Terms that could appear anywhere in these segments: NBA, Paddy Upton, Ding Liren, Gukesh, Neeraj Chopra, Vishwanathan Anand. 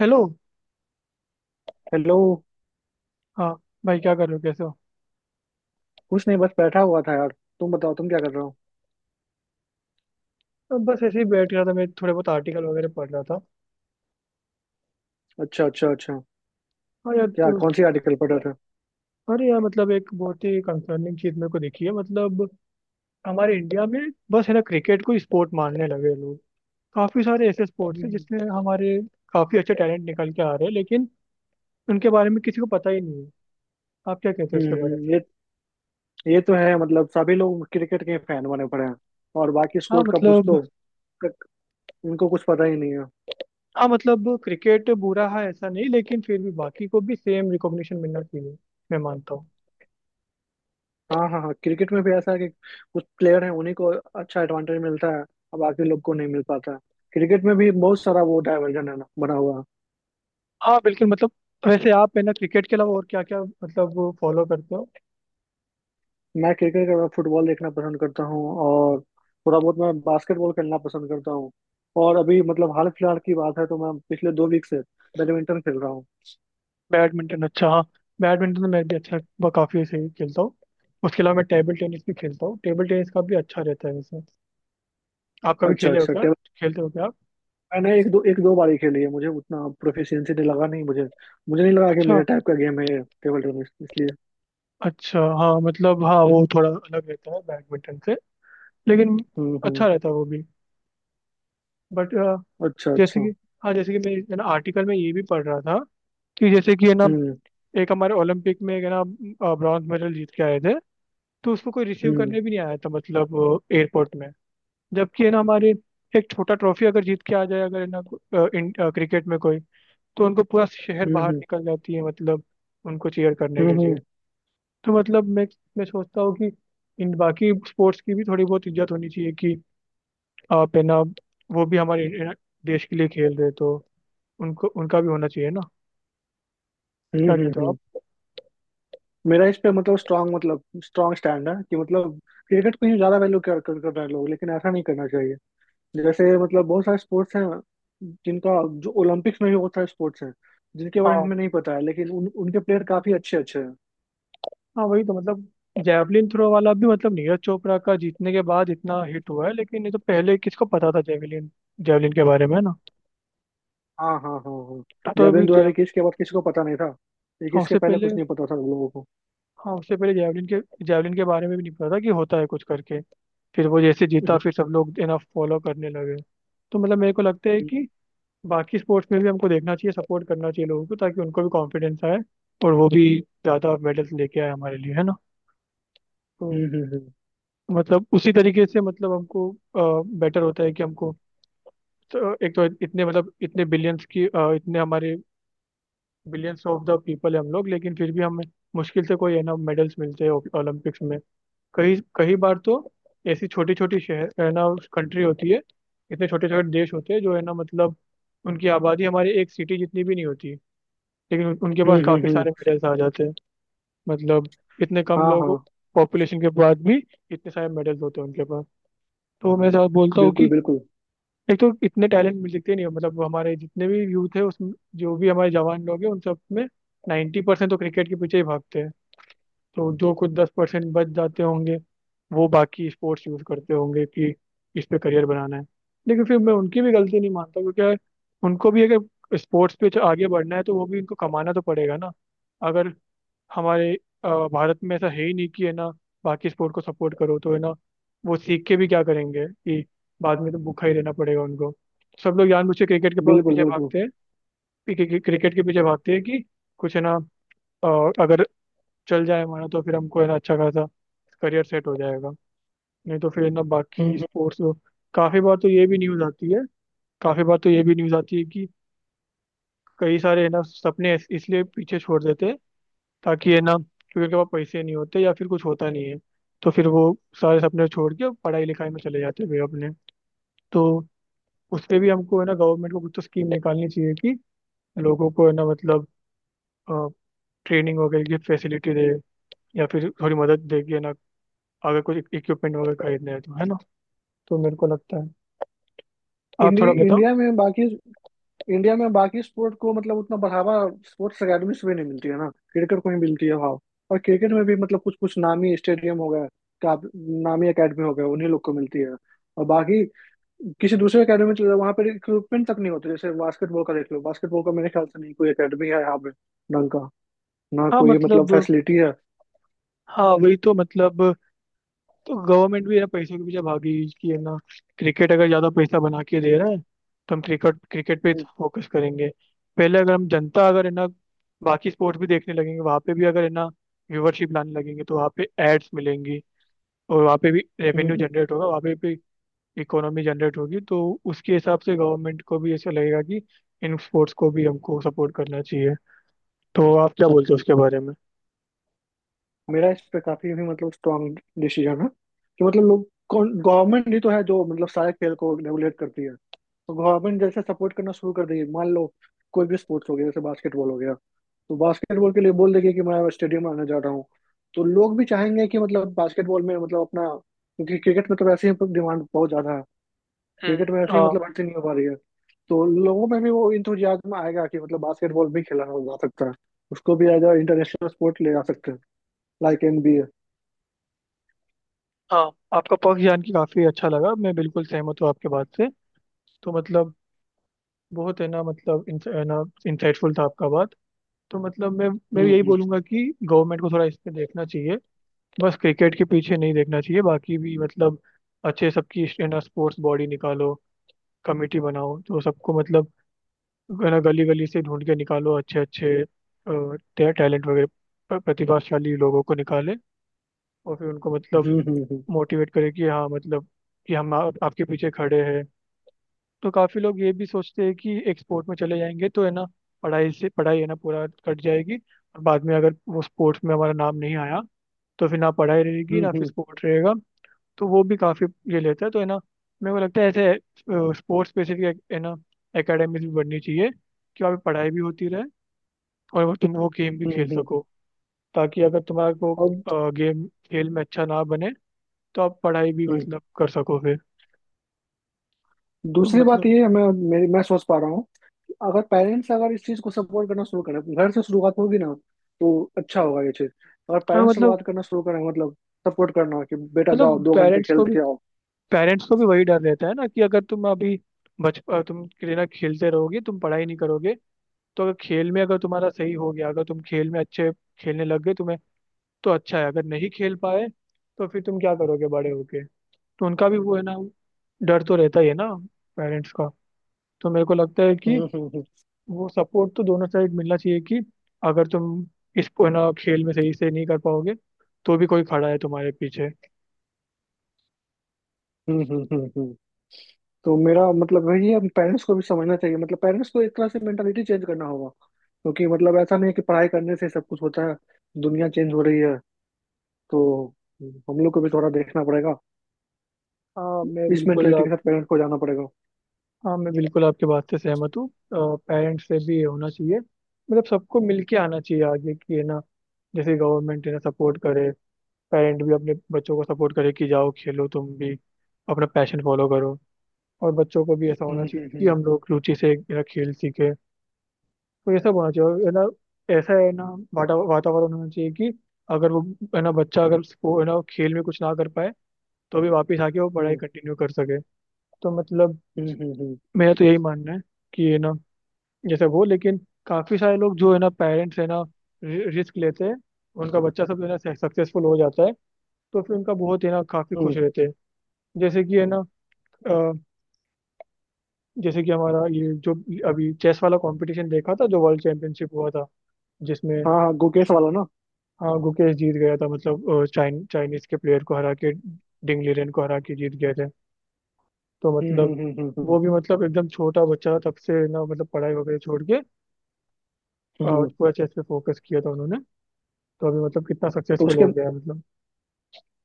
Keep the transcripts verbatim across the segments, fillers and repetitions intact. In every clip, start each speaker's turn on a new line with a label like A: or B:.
A: Hello.
B: Hello.
A: हाँ, भाई क्या कर रहे हो, कैसे हो?
B: कुछ नहीं, बस बैठा हुआ था यार। तुम बताओ, तुम क्या कर रहे हो।
A: अब बस ऐसे ही बैठ रहा था, मैं थोड़े बहुत आर्टिकल वगैरह पढ़ रहा था।
B: अच्छा अच्छा अच्छा।
A: और यार
B: क्या,
A: तो
B: कौन सी आर्टिकल पढ़ रहे थे?
A: अरे यार, मतलब एक बहुत ही कंसर्निंग चीज़ मेरे को दिखी है। मतलब हमारे इंडिया में बस है ना, क्रिकेट को स्पोर्ट मानने लगे लोग। काफ़ी सारे ऐसे स्पोर्ट्स हैं
B: हम्म
A: जिसमें हमारे काफ़ी अच्छे टैलेंट निकल के आ रहे हैं, लेकिन उनके बारे में किसी को पता ही नहीं है। आप क्या कहते हो इसके बारे में?
B: हम्म, ये ये तो है, मतलब सभी लोग क्रिकेट के फैन बने पड़े हैं। और बाकी
A: हाँ
B: स्पोर्ट का पूछ
A: मतलब।
B: तो तक उनको कुछ पता ही नहीं है।
A: हाँ मतलब क्रिकेट बुरा है ऐसा नहीं, लेकिन फिर भी बाकी को भी सेम रिकॉग्निशन मिलना चाहिए, मैं मानता हूँ।
B: हाँ हाँ हाँ। क्रिकेट में भी ऐसा है कि कुछ प्लेयर हैं उन्हीं को अच्छा एडवांटेज मिलता है। और बाकी लोग को नहीं मिल पाता। क्रिकेट में भी बहुत सारा वो डाइवर्जन है ना बना हुआ।
A: हाँ बिल्कुल, मतलब वैसे आप है ना, क्रिकेट के अलावा और क्या क्या मतलब फॉलो करते हो?
B: मैं क्रिकेट के अलावा फुटबॉल देखना पसंद करता हूँ। और थोड़ा बहुत मैं बास्केटबॉल खेलना पसंद करता हूँ। और अभी मतलब हाल फिलहाल की बात है, तो मैं पिछले दो वीक से बैडमिंटन खेल रहा हूँ।
A: बैडमिंटन, अच्छा हाँ। बैडमिंटन तो मैं भी अच्छा ब- काफी सही खेलता हूँ। उसके अलावा मैं टेबल टेनिस भी खेलता हूँ, टेबल टेनिस का भी अच्छा रहता है वैसे। आप कभी
B: अच्छा
A: खेले हो
B: अच्छा।
A: क्या,
B: टेबल,
A: खेलते हो क्या आप?
B: मैंने एक दो एक दो बार ही खेली है। मुझे उतना प्रोफिशिएंसी नहीं लगा, नहीं। मुझे मुझे नहीं लगा कि
A: अच्छा
B: मेरे टाइप का गेम है ये टेबल टेनिस, इसलिए।
A: अच्छा। हाँ मतलब हाँ, वो थोड़ा अलग रहता है बैडमिंटन से, लेकिन
B: हम्म
A: अच्छा
B: हम्म।
A: रहता है वो भी। बट
B: अच्छा
A: जैसे
B: अच्छा।
A: कि, हाँ जैसे कि मैं है ना आर्टिकल में ये भी पढ़ रहा था कि जैसे कि है ना
B: हम्म
A: एक हमारे ओलंपिक में एक है ना ब्रॉन्ज मेडल जीत के आए थे, तो उसको कोई रिसीव
B: हम्म
A: करने भी नहीं आया था, मतलब एयरपोर्ट में। जबकि है ना हमारे एक छोटा ट्रॉफी अगर जीत के आ जाए, अगर है ना अ, इन क्रिकेट में कोई, तो उनको पूरा शहर
B: हम्म
A: बाहर
B: हम्म
A: निकल जाती है, मतलब उनको चीयर करने
B: हम्म
A: के
B: हम्म
A: लिए।
B: हम्म
A: तो मतलब मैं मैं सोचता हूँ कि इन बाकी स्पोर्ट्स की भी थोड़ी बहुत इज्जत होनी चाहिए कि आप है ना, वो भी हमारे है ना, देश के लिए खेल रहे, तो उनको उनका भी होना चाहिए ना,
B: हम्म।
A: क्या
B: हम्म,
A: कहते हो
B: हम्म। मेरा इस पे मतलब स्ट्रांग मतलब स्ट्रांग स्टैंड है कि मतलब क्रिकेट को ही ज्यादा वैल्यू कर कर कर रहे हैं लोग, लेकिन ऐसा नहीं करना। जैसे मतलब बहुत सारे स्पोर्ट्स हैं जिनका जो ओलंपिक्स में भी बहुत सारे स्पोर्ट्स हैं जिनके बारे में
A: आप?
B: हमें नहीं पता है, लेकिन उन, उनके प्लेयर काफी अच्छे अच्छे हैं।
A: हाँ वही तो मतलब, जैवलिन थ्रो वाला भी मतलब नीरज चोपड़ा का जीतने के बाद इतना हिट हुआ है, लेकिन ये तो पहले किसको पता था, जैवलिन जैवलिन के बारे में ना।
B: हाँ हाँ हाँ हाँ।
A: तो अभी
B: जैवलिन द्वारा
A: जैव
B: इक्कीस के बाद किसी को पता नहीं था,
A: हाँ,
B: इक्कीस के
A: उससे
B: पहले
A: पहले।
B: कुछ नहीं पता था लोगों को।
A: हाँ उससे पहले जैवलिन के जैवलिन के बारे में भी नहीं पता था कि होता है कुछ, करके फिर वो जैसे जीता
B: हम्म
A: फिर सब लोग इतना फॉलो करने लगे। तो मतलब मेरे को लगता है कि बाकी स्पोर्ट्स में भी हमको देखना चाहिए, सपोर्ट करना चाहिए लोगों को, ताकि उनको भी कॉन्फिडेंस आए और वो भी ज़्यादा मेडल्स लेके आए हमारे लिए, है ना? तो
B: हम्म हम्म
A: मतलब उसी तरीके से मतलब हमको बेटर होता है कि हमको, तो एक तो इतने मतलब इतने बिलियंस की अ, इतने हमारे बिलियंस ऑफ द पीपल है हम लोग, लेकिन फिर भी हमें मुश्किल से कोई है ना मेडल्स मिलते हैं ओलंपिक्स में। कई कई बार तो ऐसी छोटी छोटी शहर है ना, कंट्री होती है, इतने छोटे छोटे देश होते हैं जो है ना मतलब उनकी आबादी हमारी एक सिटी जितनी भी नहीं होती, लेकिन उन- उनके
B: हम्म
A: पास
B: हम्म, हम्म,
A: काफी
B: हम्म।
A: सारे
B: हम्म।
A: मेडल्स आ जाते हैं। मतलब इतने कम
B: हाँ हाँ।
A: लोग, पॉपुलेशन के बाद भी इतने सारे मेडल्स होते हैं उनके पास। तो मैं साथ बोलता हूँ
B: बिल्कुल
A: कि
B: बिल्कुल
A: एक तो इतने टैलेंट मिल सकते नहीं है, मतलब हमारे जितने भी यूथ है उसमें, जो भी हमारे जवान लोग हैं उन सब में नाइन्टी परसेंट तो क्रिकेट के पीछे ही भागते हैं। तो जो कुछ दस परसेंट बच जाते होंगे, वो बाकी स्पोर्ट्स यूज करते होंगे कि इस पे करियर बनाना है। लेकिन फिर मैं उनकी भी गलती नहीं मानता, क्योंकि यार उनको भी अगर स्पोर्ट्स पे आगे बढ़ना है तो वो भी उनको कमाना तो पड़ेगा ना। अगर हमारे अ, भारत में ऐसा है ही नहीं कि है ना बाकी स्पोर्ट को सपोर्ट करो, तो है ना वो सीख के भी क्या करेंगे कि बाद में तो भूखा ही रहना पड़ेगा उनको। सब लोग जानबूझ के क्रिकेट के प-
B: बिल्कुल
A: पीछे
B: बिल्कुल।
A: भागते हैं। पी- क्रिकेट क्रिकेट के पीछे भागते हैं कि कुछ है ना अ, अगर चल जाए हमारा तो फिर हमको है ना अच्छा खासा करियर सेट हो जाएगा, नहीं तो फिर है ना
B: हम्म
A: बाकी
B: हम्म।
A: स्पोर्ट्स। काफ़ी बार तो ये भी न्यूज़ आती है काफ़ी बार तो ये भी न्यूज़ आती है कि कई सारे है ना सपने इस- इसलिए पीछे छोड़ देते हैं, ताकि है ना, क्योंकि उनके पास पैसे नहीं होते या फिर कुछ होता नहीं है, तो फिर वो सारे सपने छोड़ के पढ़ाई लिखाई में चले जाते हैं वे अपने। तो उस पे भी हमको है ना गवर्नमेंट को कुछ तो स्कीम निकालनी चाहिए कि लोगों को है ना मतलब ट्रेनिंग वगैरह की फैसिलिटी दे, या फिर थोड़ी मदद दे कि है ना, अगर कुछ इक्विपमेंट वगैरह खरीदना है तो है ना। तो मेरे को लगता है, आप
B: इंडि,
A: थोड़ा बताओ।
B: इंडिया में बाकी इंडिया में बाकी स्पोर्ट को मतलब उतना बढ़ावा स्पोर्ट्स अकेडमीज में नहीं मिलती है ना, क्रिकेट को ही मिलती है भाव। और क्रिकेट में भी मतलब कुछ कुछ नामी स्टेडियम हो गए, का नामी एकेडमी हो गए, उन्हीं लोग को मिलती है। और बाकी, किसी दूसरे एकेडमी में चले जाओ वहाँ पर इक्विपमेंट तक नहीं होते। जैसे बास्केटबॉल का देख लो, बास्केटबॉल का मेरे ख्याल से नहीं कोई एकेडमी है यहाँ पे ढंग का, ना
A: हाँ
B: कोई मतलब
A: मतलब।
B: फैसिलिटी है।
A: हाँ वही तो मतलब, तो गवर्नमेंट भी ना पैसों के पीछे भागी कि है ना क्रिकेट अगर ज्यादा पैसा बना के दे रहा है तो हम क्रिकेट क्रिकेट पे
B: हम्म,
A: फोकस करेंगे। पहले अगर हम जनता अगर है ना बाकी स्पोर्ट्स भी देखने लगेंगे, वहाँ पे भी अगर है ना व्यूवरशिप लाने लगेंगे तो वहाँ पे एड्स मिलेंगी, और वहाँ पे भी
B: हम्म,
A: रेवेन्यू
B: हम्म।
A: जनरेट होगा, वहाँ पे भी इकोनॉमी जनरेट होगी, तो उसके हिसाब से गवर्नमेंट को भी ऐसा लगेगा कि इन स्पोर्ट्स को भी हमको सपोर्ट करना चाहिए। तो आप क्या बोलते हो उसके बारे में?
B: मेरा इस पे काफी भी मतलब स्ट्रांग डिसीजन है कि मतलब लोग गवर्नमेंट ही तो है जो मतलब सारे खेल को रेगुलेट करती है, तो गवर्नमेंट जैसे सपोर्ट करना शुरू कर देगी। मान लो कोई भी स्पोर्ट्स हो गया, जैसे बास्केटबॉल हो गया, तो बास्केटबॉल के लिए बोल देगी कि मैं स्टेडियम आने जा रहा हूँ, तो लोग भी चाहेंगे कि मतलब बास्केटबॉल में मतलब अपना, क्योंकि क्रिकेट में तो वैसे ही डिमांड बहुत ज्यादा है।
A: हम्म।
B: क्रिकेट में वैसे ही
A: हाँ
B: मतलब भर्ती नहीं हो पा रही है, तो लोगों में भी वो इंथुजियाज्म आएगा कि मतलब बास्केटबॉल भी खेला जा सकता है। उसको भी एज अ इंटरनेशनल स्पोर्ट ले जा सकते हैं, लाइक एनबीए।
A: हाँ, आपका पक्ष जान के काफी अच्छा लगा, मैं बिल्कुल सहमत हूँ आपके बात से। तो मतलब बहुत है ना मतलब इन, है ना इंसाइटफुल था आपका बात। तो मतलब मैं मैं
B: हुँ,
A: यही
B: हुँ।
A: बोलूंगा कि गवर्नमेंट को थोड़ा इस पे देखना चाहिए, बस क्रिकेट के पीछे नहीं देखना चाहिए, बाकी भी मतलब अच्छे सबकी है ना स्पोर्ट्स बॉडी निकालो, कमेटी बनाओ तो सबको मतलब है ना, गली गली से ढूंढ के निकालो अच्छे अच्छे टैलेंट वगैरह, प- प्रतिभाशाली लोगों को निकाले, और फिर उनको मतलब
B: हुँ, हुँ, हुँ।
A: मोटिवेट करे कि हाँ मतलब कि हम आप, आपके पीछे खड़े हैं। तो काफी लोग ये भी सोचते हैं कि एक्सपोर्ट में चले जाएंगे तो है ना पढ़ाई से पढ़ाई है ना पूरा कट जाएगी, और बाद में अगर वो स्पोर्ट्स में हमारा नाम नहीं आया तो फिर ना पढ़ाई रहेगी
B: हुँ,
A: ना फिर
B: हुँ,
A: स्पोर्ट रहेगा, तो वो भी काफी ये लेता है तो है ना, मेरे को लगता है ऐसे स्पोर्ट्स स्पेसिफिक है ना एकेडमीज भी बननी चाहिए कि वहाँ पे पढ़ाई भी होती रहे और वो तुम वो गेम भी
B: हुँ,
A: खेल
B: हुँ।
A: सको, ताकि अगर तुम्हारा को
B: और
A: गेम खेल में अच्छा ना बने तो आप पढ़ाई भी
B: हुँ,
A: मतलब कर सको फिर। तो
B: दूसरी बात
A: मतलब,
B: ये है, मैं मेरी मैं सोच पा रहा हूँ कि अगर पेरेंट्स अगर इस चीज़ को सपोर्ट करना शुरू करें, घर से शुरुआत होगी ना, तो अच्छा होगा ये चीज़। अगर
A: हाँ
B: पेरेंट्स
A: मतलब,
B: शुरुआत करना शुरू करें मतलब सपोर्ट करना कि बेटा जाओ
A: मतलब
B: दो घंटे
A: पेरेंट्स
B: खेल
A: को भी,
B: के आओ।
A: पेरेंट्स को भी वही डर रहता है ना कि अगर तुम अभी बच अ, तुम के लिए ना खेलते रहोगे तुम पढ़ाई नहीं करोगे, तो अगर खेल में, अगर तुम्हारा सही हो गया, अगर तुम खेल में अच्छे खेलने लग गए तुम्हें, तो अच्छा है, अगर नहीं खेल पाए तो फिर तुम क्या करोगे बड़े होके, तो उनका भी वो है ना डर तो रहता ही है ना पेरेंट्स का। तो मेरे को लगता है कि
B: हम्म हम्म
A: वो सपोर्ट तो दोनों साइड मिलना चाहिए कि अगर तुम इस है ना खेल में सही से नहीं कर पाओगे तो भी कोई खड़ा है तुम्हारे पीछे।
B: हम्म हम्म हम्म, हम्म। हम्म। तो मेरा मतलब वही है, पेरेंट्स को भी समझना चाहिए, मतलब पेरेंट्स को एक तरह से मेंटालिटी चेंज करना होगा क्योंकि मतलब ऐसा नहीं है कि पढ़ाई करने से सब कुछ होता है। दुनिया चेंज हो रही है, तो हम लोग को भी थोड़ा देखना पड़ेगा।
A: हाँ मैं
B: इस
A: बिल्कुल।
B: मेंटलिटी के साथ पेरेंट्स को जाना पड़ेगा।
A: हाँ मैं बिल्कुल आपकी बात से सहमत हूँ, पेरेंट्स से भी ये होना चाहिए, मतलब सबको मिलके आना चाहिए आगे कि है ना, जैसे गवर्नमेंट है ना सपोर्ट करे, पेरेंट भी अपने बच्चों को सपोर्ट करे कि जाओ खेलो तुम भी, अपना पैशन फॉलो करो, और बच्चों को भी ऐसा
B: हम्म
A: होना
B: हम्म
A: चाहिए कि
B: हम्म
A: हम लोग रुचि से है ना खेल सीखे। तो ये सब होना चाहिए और है ना, ऐसा है ना वाता वातावरण होना चाहिए कि अगर वो है ना बच्चा अगर उसको है ना खेल में कुछ ना कर पाए तो भी वापस आके वो पढ़ाई
B: हम्म
A: कंटिन्यू कर सके। तो मतलब
B: हम्म हम्म हम्म,
A: मेरा तो यही मानना है कि है ना, जैसे वो, लेकिन काफी सारे लोग जो है ना पेरेंट्स है ना रिस्क लेते हैं, उनका बच्चा सब है ना सक्सेसफुल हो जाता है, तो फिर उनका बहुत है ना काफी
B: हम्म।
A: खुश रहते हैं। जैसे कि है ना अ, जैसे कि हमारा ये जो अभी चेस वाला कंपटीशन देखा था, जो वर्ल्ड चैंपियनशिप हुआ था जिसमें,
B: हाँ हाँ, गुकेश वाला ना?
A: हाँ गुकेश जीत गया था, मतलब अ, चाइन चाइनीज के प्लेयर को हरा के, डिंग लीरेन को हरा के जीत गए थे। तो
B: हम्म हम्म
A: मतलब
B: हम्म हम्म हम्म
A: वो भी मतलब एकदम छोटा बच्चा था तब से ना, मतलब पढ़ाई वगैरह छोड़ के अ,
B: हम्म।
A: पूरा चेस पे फोकस किया था उन्होंने, तो अभी मतलब कितना
B: तो
A: सक्सेसफुल
B: उसके
A: हो गया है मतलब।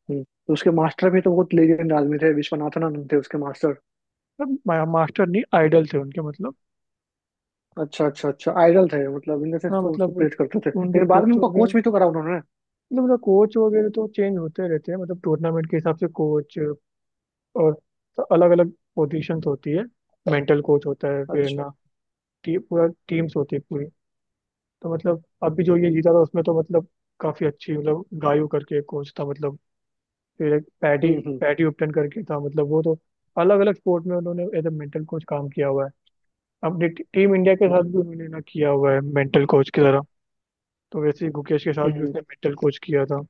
B: हम्म, तो उसके मास्टर भी तो बहुत लेजेंड आदमी थे, विश्वनाथन आनंद थे उसके मास्टर।
A: मतलब मास्टर नहीं आइडल थे उनके मतलब।
B: अच्छा अच्छा अच्छा, आइडल थे मतलब, इन से
A: हाँ
B: उसको
A: मतलब
B: प्रेज करते थे,
A: उनके
B: लेकिन बाद में
A: कोच
B: उनको
A: वगैरह,
B: कोच भी तो करा उन्होंने।
A: मतलब उनका कोच वगैरह तो चेंज होते रहते हैं, मतलब टूर्नामेंट के हिसाब से कोच, और अलग अलग पोजीशंस होती है, मेंटल कोच होता है फिर
B: अच्छा।
A: ना, टी, पूरा टीम्स होती है पूरी। तो मतलब अभी जो ये जीता था उसमें तो मतलब काफी अच्छी मतलब गायू करके कोच था मतलब, फिर एक पैडी
B: हम्म हम्म
A: पैडी उपटन करके था, मतलब वो तो अलग अलग स्पोर्ट में उन्होंने एज ए मेंटल कोच काम किया हुआ है, अपनी टीम इंडिया के साथ भी उन्होंने ना किया हुआ है मेंटल कोच की तरह। तो वैसे ही गुकेश के साथ भी उसने
B: हम्म
A: मेंटल कोच किया था,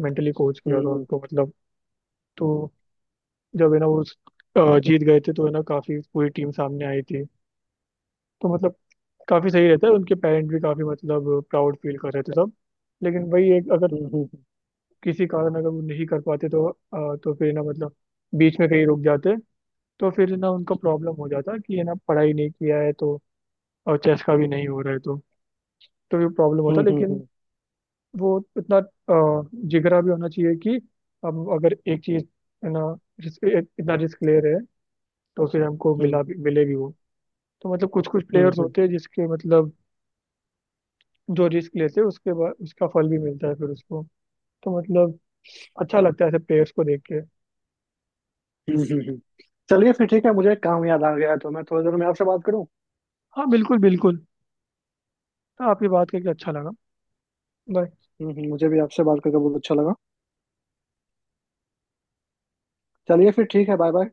A: मेंटली कोच किया था
B: हम्म
A: उनको मतलब। तो जब है ना वो अ, जीत गए थे तो है ना काफी पूरी टीम सामने आई थी, तो मतलब काफी सही रहता है, उनके पेरेंट भी काफी मतलब प्राउड फील कर रहे थे सब। लेकिन वही एक, अगर
B: हम्म हम्म
A: किसी कारण अगर वो नहीं कर पाते तो अ, तो फिर ना मतलब बीच में कहीं रुक जाते, तो फिर ना उनका
B: हम्म
A: प्रॉब्लम हो जाता कि है ना पढ़ाई नहीं किया है तो, और चेस का भी नहीं हो रहा है तो तो ये प्रॉब्लम
B: हम्म
A: होता।
B: हम्म हम्म
A: लेकिन
B: हम्म
A: वो इतना अ, जिगरा भी होना चाहिए कि हम अगर एक चीज है ना, रिस्क, इतना रिस्क ले रहे हैं तो उसे हमको
B: हम्म
A: मिला भी मिलेगी वो। तो मतलब कुछ कुछ
B: हम्म
A: प्लेयर्स
B: हम्म, हम्म,
A: होते हैं जिसके मतलब, जो रिस्क लेते हैं उसके बाद उसका फल भी मिलता है फिर उसको, तो मतलब अच्छा लगता है ऐसे प्लेयर्स को देख के।
B: हम्म, हम्म, हम्म। चलिए फिर ठीक है, मुझे एक काम याद आ गया है, तो मैं थोड़ी देर में आपसे बात करूँ।
A: हाँ बिल्कुल बिल्कुल, हाँ आपकी बात करके अच्छा लगा। Bye.
B: हम्म हम्म, मुझे भी आपसे बात करके बहुत अच्छा लगा। चलिए फिर ठीक है, बाय बाय।